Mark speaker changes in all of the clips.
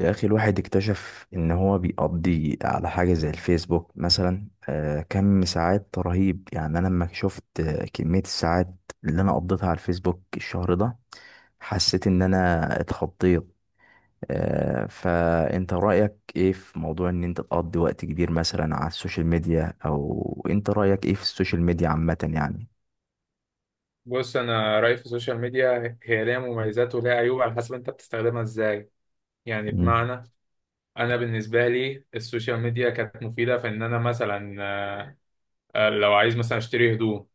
Speaker 1: يا أخي الواحد اكتشف إن هو بيقضي على حاجة زي الفيسبوك مثلا كم ساعات رهيب، يعني أنا لما شفت كمية الساعات اللي أنا قضيتها على الفيسبوك الشهر ده، حسيت إن أنا اتخضيت. فأنت رأيك إيه في موضوع إن أنت تقضي وقت كبير مثلا على السوشيال ميديا، أو أنت رأيك إيه في السوشيال ميديا عامة يعني؟
Speaker 2: بص، انا رايي في السوشيال ميديا هي ليها مميزات وليها عيوب على حسب انت بتستخدمها ازاي. يعني
Speaker 1: مم.
Speaker 2: بمعنى انا بالنسبه لي السوشيال ميديا كانت مفيده في ان انا مثلا، لو عايز مثلا اشتري هدوم،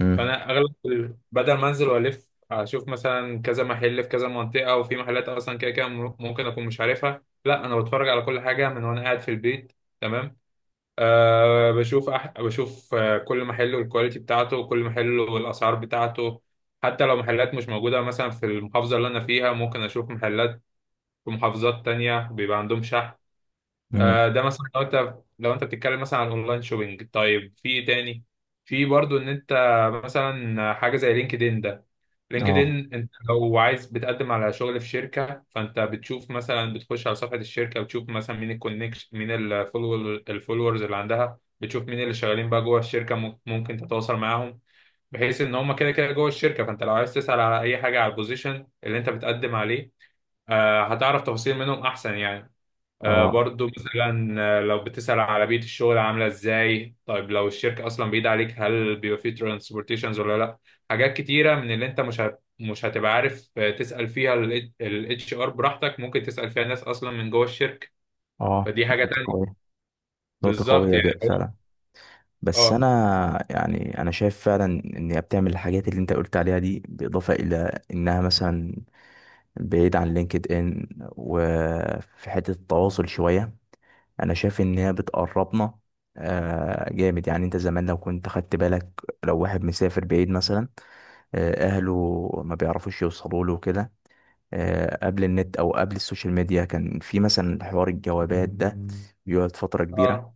Speaker 1: مم.
Speaker 2: فانا اغلب بدل ما انزل والف اشوف مثلا كذا محل في كذا منطقه، وفي محلات اصلا كده كده ممكن اكون مش عارفها، لا انا بتفرج على كل حاجه من وانا قاعد في البيت. تمام. بشوف كل محل والكواليتي بتاعته، وكل محل والأسعار بتاعته. حتى لو محلات مش موجودة مثلا في المحافظة اللي أنا فيها، ممكن أشوف محلات في محافظات تانية بيبقى عندهم شحن.
Speaker 1: مم.
Speaker 2: ده مثلا لو انت بتتكلم مثلا عن اونلاين شوبينج. طيب في ايه تاني؟ في برضو ان انت مثلا حاجه زي لينكد ان ده. لينكد
Speaker 1: اه.
Speaker 2: ان، انت لو عايز بتقدم على شغل في شركه، فانت بتشوف مثلا، بتخش على صفحه الشركه وتشوف مثلا مين الكونكشن، مين الفولور الفولورز اللي عندها، بتشوف مين اللي شغالين بقى جوه الشركه، ممكن تتواصل معاهم، بحيث ان هم كده كده جوه الشركه. فانت لو عايز تسال على اي حاجه على البوزيشن اللي انت بتقدم عليه، هتعرف تفاصيل منهم احسن يعني.
Speaker 1: اه.
Speaker 2: برضو مثلا، لو بتسأل على بيئة الشغل عاملة ازاي، طيب لو الشركة اصلا بعيدة عليك، هل بيبقى فيه ترانسبورتيشنز ولا لا. حاجات كتيرة من اللي انت مش هتبقى عارف تسأل فيها، الاتش ار براحتك ممكن تسأل فيها ناس اصلا من جوه الشركة.
Speaker 1: اه.
Speaker 2: فدي حاجة
Speaker 1: نقطة
Speaker 2: تانية.
Speaker 1: قوية. نقطة
Speaker 2: بالظبط،
Speaker 1: قوية
Speaker 2: يعني
Speaker 1: جدا فعلا. بس
Speaker 2: اه.
Speaker 1: انا، يعني شايف فعلا ان هي بتعمل الحاجات اللي انت قلت عليها دي، بالاضافه الى انها مثلا بعيد عن لينكد ان، وفي حته التواصل شويه، انا شايف ان هي بتقربنا. جامد، يعني انت زمان لو كنت خدت بالك، لو واحد مسافر بعيد مثلا اهله ما بيعرفوش يوصلوا له كده. قبل النت او قبل السوشيال ميديا كان في مثلا حوار الجوابات ده، بيقعد فتره كبيره.
Speaker 2: اه.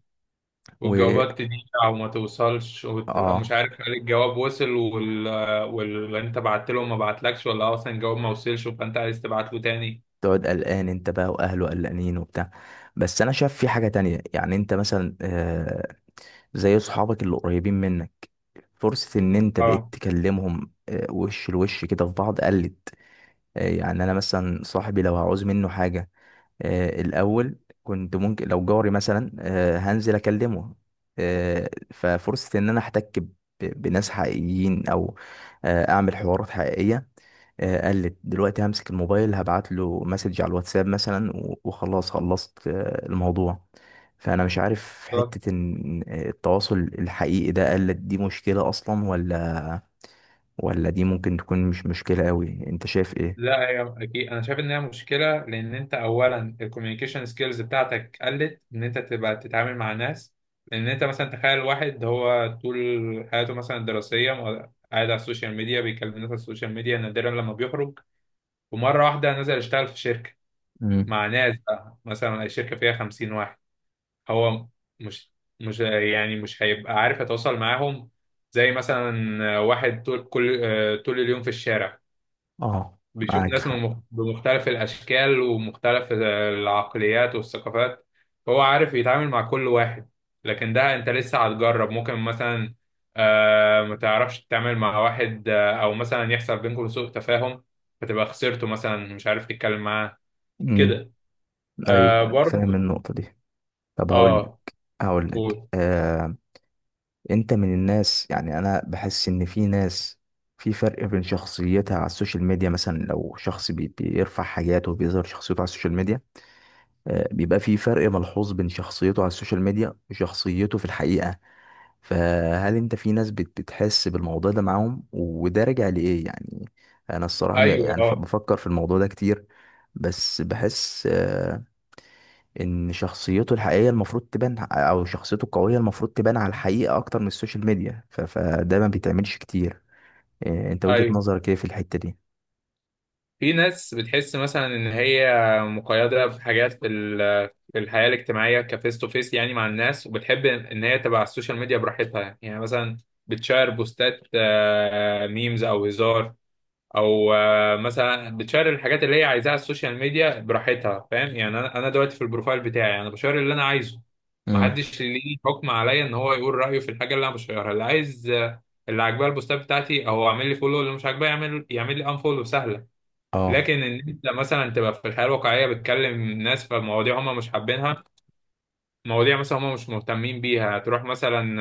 Speaker 1: و
Speaker 2: والجوابات تضيع وما توصلش، وتبقى مش
Speaker 1: اه
Speaker 2: عارف هل الجواب وصل واللي انت بعت له ما بعتلكش، ولا اصلا الجواب ما وصلش فانت عايز تبعت له تاني.
Speaker 1: تقعد قلقان انت بقى، واهله قلقانين وبتاع. بس انا شايف في حاجة تانية، يعني انت مثلا زي اصحابك اللي قريبين منك، فرصة ان انت بقيت
Speaker 2: اه،
Speaker 1: تكلمهم وش لوش كده في بعض قلت. يعني انا مثلا صاحبي لو هعوز منه حاجة، الاول كنت ممكن لو جاري مثلا هنزل اكلمه. ففرصة ان انا احتك بناس حقيقيين، او اعمل حوارات حقيقية قلت دلوقتي. همسك الموبايل هبعت له مسج على الواتساب مثلا وخلاص، خلصت الموضوع. فانا مش عارف
Speaker 2: بالظبط.
Speaker 1: حتة ان التواصل الحقيقي ده قلت، دي مشكلة اصلا ولا دي ممكن تكون مش مشكلة قوي؟ انت شايف ايه؟
Speaker 2: لا، هي اكيد انا شايف ان هي مشكله، لان انت اولا الكوميونيكيشن سكيلز بتاعتك قلت، ان انت تبقى تتعامل مع ناس. لان انت مثلا تخيل واحد هو طول حياته مثلا الدراسيه قاعد على السوشيال ميديا بيكلم الناس على السوشيال ميديا، نادرا لما بيخرج، ومره واحده نزل يشتغل في شركه
Speaker 1: امم.
Speaker 2: مع ناس، بقى مثلا الشركه فيها 50 واحد. هو مش مش يعني مش هيبقى عارف يتواصل معاهم. زي مثلا واحد طول كل آه، طول اليوم في الشارع
Speaker 1: اه،
Speaker 2: بيشوف
Speaker 1: معاك
Speaker 2: ناس
Speaker 1: حق.
Speaker 2: بمختلف الأشكال ومختلف العقليات والثقافات، فهو عارف يتعامل مع كل واحد. لكن ده أنت لسه هتجرب، ممكن مثلا ما تعرفش تتعامل مع واحد، أو مثلا يحصل بينكم سوء تفاهم فتبقى خسرته مثلا، مش عارف تتكلم معاه
Speaker 1: امم.
Speaker 2: كده.
Speaker 1: ايوه،
Speaker 2: برضه.
Speaker 1: فاهم النقطة دي. طب هقول
Speaker 2: اه.
Speaker 1: هقول لك
Speaker 2: قول.
Speaker 1: انت من الناس، يعني انا بحس ان في ناس في فرق بين شخصيتها على السوشيال ميديا. مثلا لو شخص بيرفع حاجات وبيظهر شخصيته على السوشيال ميديا، بيبقى في فرق ملحوظ بين شخصيته على السوشيال ميديا وشخصيته في الحقيقة. فهل انت في ناس بتحس بالموضوع ده معاهم، وده راجع لإيه يعني؟ انا الصراحة
Speaker 2: ايوه.
Speaker 1: يعني
Speaker 2: اه.
Speaker 1: بفكر في الموضوع ده كتير. بس بحس ان شخصيته الحقيقيه المفروض تبان، او شخصيته القويه المفروض تبان على الحقيقه اكتر من السوشيال ميديا، فده ما بيتعملش كتير. إيه، انت وجهه
Speaker 2: ايوه،
Speaker 1: نظرك ايه في الحته دي؟
Speaker 2: في ناس بتحس مثلا ان هي مقيده في حاجات في في الحياه الاجتماعيه كفيس تو فيس، يعني مع الناس، وبتحب ان هي تبقى على السوشيال ميديا براحتها. يعني مثلا بتشير بوستات، ميمز او هزار، او مثلا بتشير الحاجات اللي هي عايزاها على السوشيال ميديا براحتها. فاهم يعني؟ انا دلوقتي في البروفايل بتاعي انا بشير اللي انا عايزه،
Speaker 1: امم.
Speaker 2: محدش ليه حكم عليا ان هو يقول رايه في الحاجه اللي انا بشيرها، اللي عايز اللي عاجباه البوستات بتاعتي او عامل لي فولو، اللي مش عاجباه يعمل لي انفولو سهله.
Speaker 1: اه.
Speaker 2: لكن ان انت مثلا تبقى في الحياه الواقعيه بتكلم ناس في مواضيع هم مش حابينها، مواضيع مثلا هم مش مهتمين بيها، تروح مثلا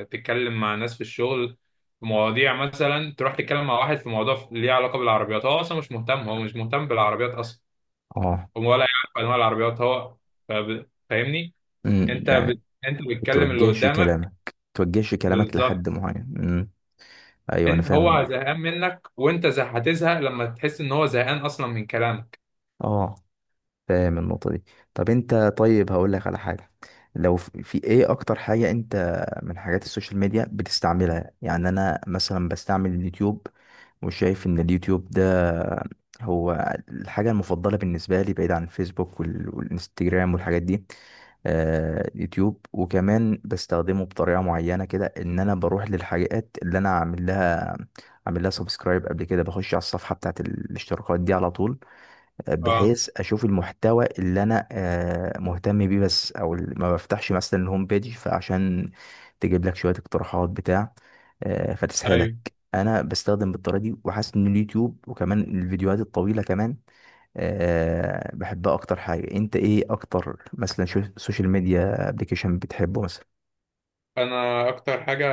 Speaker 2: تتكلم مع ناس في الشغل في مواضيع، مثلا تروح تتكلم مع واحد في موضوع ليه علاقه بالعربيات، هو اصلا مش مهتم، هو مش مهتم بالعربيات اصلا،
Speaker 1: اه.
Speaker 2: هو ولا يعرف انواع العربيات هو. فاهمني؟
Speaker 1: امم.
Speaker 2: انت
Speaker 1: يعني
Speaker 2: بت... انت بتكلم اللي
Speaker 1: توجهش
Speaker 2: قدامك.
Speaker 1: كلامك، توجهش كلامك
Speaker 2: بالظبط.
Speaker 1: لحد معين. امم. ايوه انا
Speaker 2: انت
Speaker 1: فاهم.
Speaker 2: هو زهقان منك، وانت هتزهق لما تحس ان هو زهقان اصلا من كلامك.
Speaker 1: اه، فاهم النقطه دي. طب انت، هقول لك على حاجه. لو في ايه اكتر حاجه انت من حاجات السوشيال ميديا بتستعملها؟ يعني انا مثلا بستعمل اليوتيوب، وشايف ان اليوتيوب ده هو الحاجة المفضلة بالنسبة لي، بعيد عن الفيسبوك والانستجرام والحاجات دي. يوتيوب، وكمان بستخدمه بطريقة معينة كده، ان انا بروح للحاجات اللي انا عامل لها، عامل لها سبسكرايب قبل كده. بخش على الصفحة بتاعت الاشتراكات دي على طول،
Speaker 2: اه.
Speaker 1: بحيث اشوف المحتوى اللي انا مهتم بيه بس، او ما بفتحش مثلا الهوم بيج، فعشان تجيب لك شوية اقتراحات بتاع فتسحلك.
Speaker 2: ايوه.
Speaker 1: انا بستخدم بالطريقه دي، وحاسس ان اليوتيوب وكمان الفيديوهات الطويله كمان بحبها اكتر حاجه. انت ايه اكتر مثلا شو سوشيال ميديا ابلكيشن بتحبه مثلا؟
Speaker 2: انا اكتر حاجه،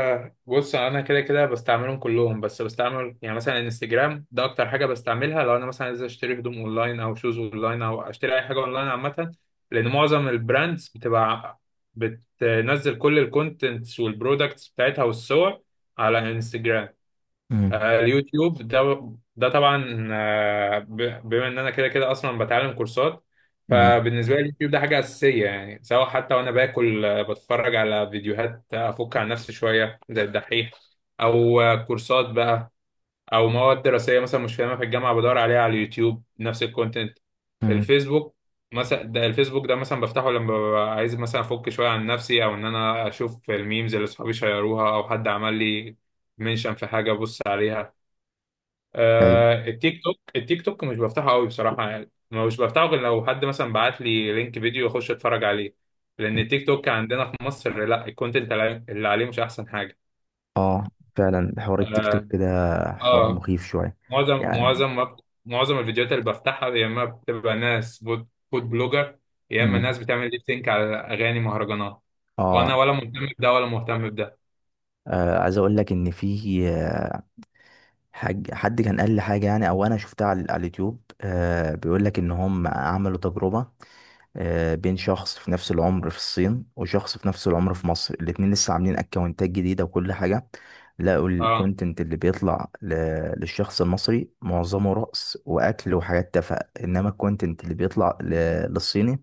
Speaker 2: بص انا كده كده بستعملهم كلهم، بس بستعمل يعني مثلا انستجرام، ده اكتر حاجه بستعملها لو انا مثلا عايز اشتري هدوم اونلاين، او شوز اونلاين، او اشتري اي حاجه اونلاين عامه، لان معظم البراندز بتبقى بتنزل كل الكونتنتس والبرودكتس بتاعتها والصور على انستجرام.
Speaker 1: مم.
Speaker 2: اليوتيوب ده طبعا، بما ان انا كده كده اصلا بتعلم كورسات،
Speaker 1: مم.
Speaker 2: فبالنسبه لي اليوتيوب ده حاجه اساسيه، يعني سواء حتى وانا باكل بتفرج على فيديوهات افك عن نفسي شويه زي الدحيح، او كورسات بقى، او مواد دراسيه مثلا مش فاهمها في الجامعه بدور عليها على اليوتيوب نفس الكونتنت.
Speaker 1: مم.
Speaker 2: الفيسبوك الفيسبوك ده مثلا بفتحه لما ببقى عايز مثلا افك شويه عن نفسي، او ان انا اشوف الميمز اللي صحابي شيروها، او حد عمل لي منشن في حاجه ابص عليها.
Speaker 1: ايوه.
Speaker 2: التيك توك مش بفتحه قوي بصراحة، يعني مش بفتحه غير لو حد مثلا بعت لي لينك فيديو، اخش اتفرج عليه، لان التيك توك عندنا في مصر لا، الكونتنت اللي عليه مش احسن حاجة.
Speaker 1: اه، فعلا حوار التيك
Speaker 2: اه.
Speaker 1: توك كده حوار
Speaker 2: آه
Speaker 1: مخيف شويه
Speaker 2: معظم
Speaker 1: يعني.
Speaker 2: معظم ما- معظم الفيديوهات اللي بفتحها، يا اما بتبقى ناس فود فود بلوجر، يا اما
Speaker 1: مم.
Speaker 2: ناس بتعمل ليب سينك على اغاني مهرجانات،
Speaker 1: اه.
Speaker 2: وانا ولا مهتم بده ولا مهتم بده.
Speaker 1: عايز اقول لك ان في حد كان قال لي حاجه يعني، او انا شفتها على اليوتيوب. بيقول لك ان هم عملوا تجربه بين شخص في نفس العمر في الصين وشخص في نفس العمر في مصر، الاتنين لسه عاملين اكونتات جديدة وكل حاجة. لقوا
Speaker 2: اه.
Speaker 1: الكونتنت اللي بيطلع للشخص المصري معظمه رقص واكل وحاجات تافهة، انما الكونتنت اللي بيطلع للصيني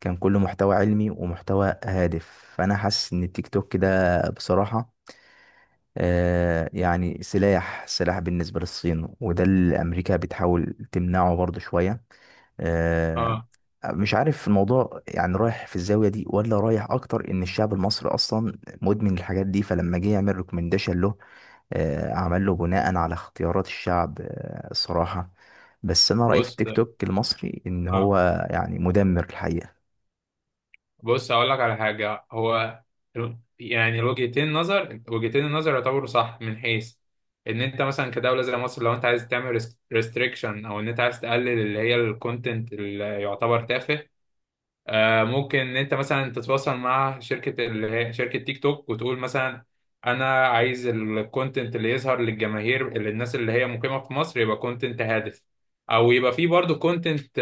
Speaker 1: كان كله محتوى علمي ومحتوى هادف. فانا حاسس ان التيك توك ده بصراحة يعني سلاح، سلاح بالنسبة للصين، وده اللي أمريكا بتحاول تمنعه برضه شوية. آه،
Speaker 2: اه
Speaker 1: مش عارف الموضوع يعني رايح في الزاوية دي، ولا رايح أكتر إن الشعب المصري أصلا مدمن الحاجات دي، فلما جه يعمل ريكومنديشن له عمل له بناء على اختيارات الشعب الصراحة. بس أنا رأيي في
Speaker 2: بص
Speaker 1: التيك توك المصري إن
Speaker 2: اه
Speaker 1: هو يعني مدمر الحقيقة.
Speaker 2: بص هقول لك على حاجة. هو يعني الوجهتين نظر وجهتين النظر يعتبروا صح، من حيث ان انت مثلا كدولة زي مصر، لو انت عايز تعمل ريستريكشن، او ان انت عايز تقلل اللي هي الكونتنت اللي يعتبر تافه، ممكن ان انت مثلا تتواصل مع شركة اللي هي شركة تيك توك، وتقول مثلا، انا عايز الكونتنت اللي يظهر للجماهير اللي الناس اللي هي مقيمة في مصر يبقى كونتنت هادف، او يبقى فيه برضه كونتنت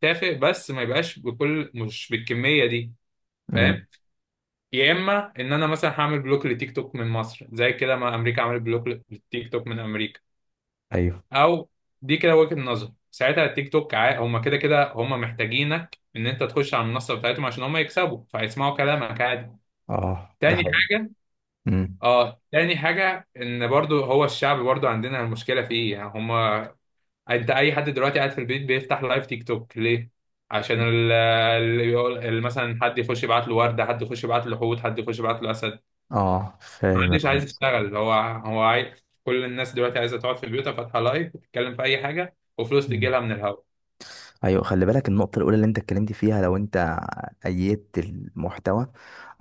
Speaker 2: تافه، بس ما يبقاش مش بالكمية دي.
Speaker 1: امم.
Speaker 2: فاهم؟ يا اما ان انا مثلا هعمل بلوك لتيك توك من مصر، زي كده ما امريكا عملت بلوك للتيك توك من امريكا.
Speaker 1: ايوه.
Speaker 2: او دي كده وجهة نظر، ساعتها التيك توك هما كده كده هما محتاجينك ان انت تخش على المنصه بتاعتهم عشان هما يكسبوا، فهيسمعوا كلامك عادي.
Speaker 1: اه، ده
Speaker 2: تاني
Speaker 1: حقيقي.
Speaker 2: حاجه.
Speaker 1: مم.
Speaker 2: اه، تاني حاجه ان برضو هو الشعب برضو عندنا المشكله في ايه يعني. هما انت اي حد دلوقتي قاعد في البيت بيفتح لايف تيك توك ليه؟ عشان مثلا حد يخش يبعت له ورده، حد يخش يبعت له حوت، حد يخش يبعت له اسد.
Speaker 1: اه، فاهم يا
Speaker 2: محدش
Speaker 1: عم.
Speaker 2: عايز يشتغل، هو عايز، كل الناس دلوقتي عايزه تقعد في بيوتها فاتحه لايف وتتكلم في اي حاجه، وفلوس تجي
Speaker 1: مصر.
Speaker 2: لها من الهوا.
Speaker 1: ايوه، خلي بالك النقطة الأولى اللي أنت اتكلمت فيها، لو أنت أيدت المحتوى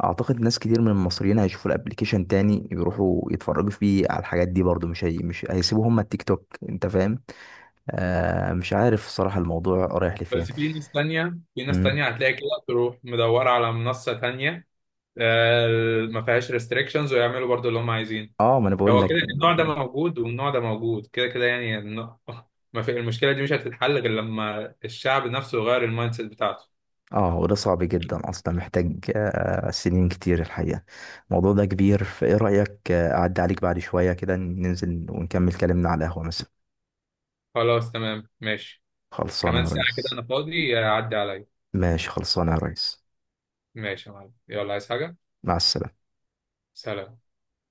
Speaker 1: أعتقد ناس كتير من المصريين هيشوفوا الأبليكيشن تاني، يروحوا يتفرجوا فيه على الحاجات دي برضو، مش هي، مش هيسيبوا هما التيك توك. أنت فاهم؟ مش عارف الصراحة الموضوع رايح لفين.
Speaker 2: بس في ناس تانية، في ناس
Speaker 1: مم.
Speaker 2: تانية هتلاقي كده تروح مدورة على منصة تانية آه، ما فيهاش ريستريكشنز، ويعملوا برضو اللي هم عايزين.
Speaker 1: اه، ما أنا بقول
Speaker 2: هو كده،
Speaker 1: لك
Speaker 2: النوع
Speaker 1: النقطة
Speaker 2: ده
Speaker 1: دي.
Speaker 2: موجود والنوع ده موجود كده كده يعني ما في، المشكلة دي مش هتتحل غير لما الشعب نفسه يغير المايند سيت بتاعته.
Speaker 1: اه، وده صعب جدا أصلا، محتاج سنين كتير الحقيقة. الموضوع ده كبير، فإيه رأيك أعدي عليك بعد شوية كده، ننزل ونكمل كلامنا على القهوة مثلا؟
Speaker 2: خلاص، تمام، ماشي.
Speaker 1: خلصانة يا
Speaker 2: كمان ساعة كده
Speaker 1: ريس.
Speaker 2: أنا فاضي، عدي عليا.
Speaker 1: ماشي خلصانة يا ريس.
Speaker 2: ماشي يا معلم، يلا، عايز حاجة؟
Speaker 1: مع السلامة.
Speaker 2: سلام.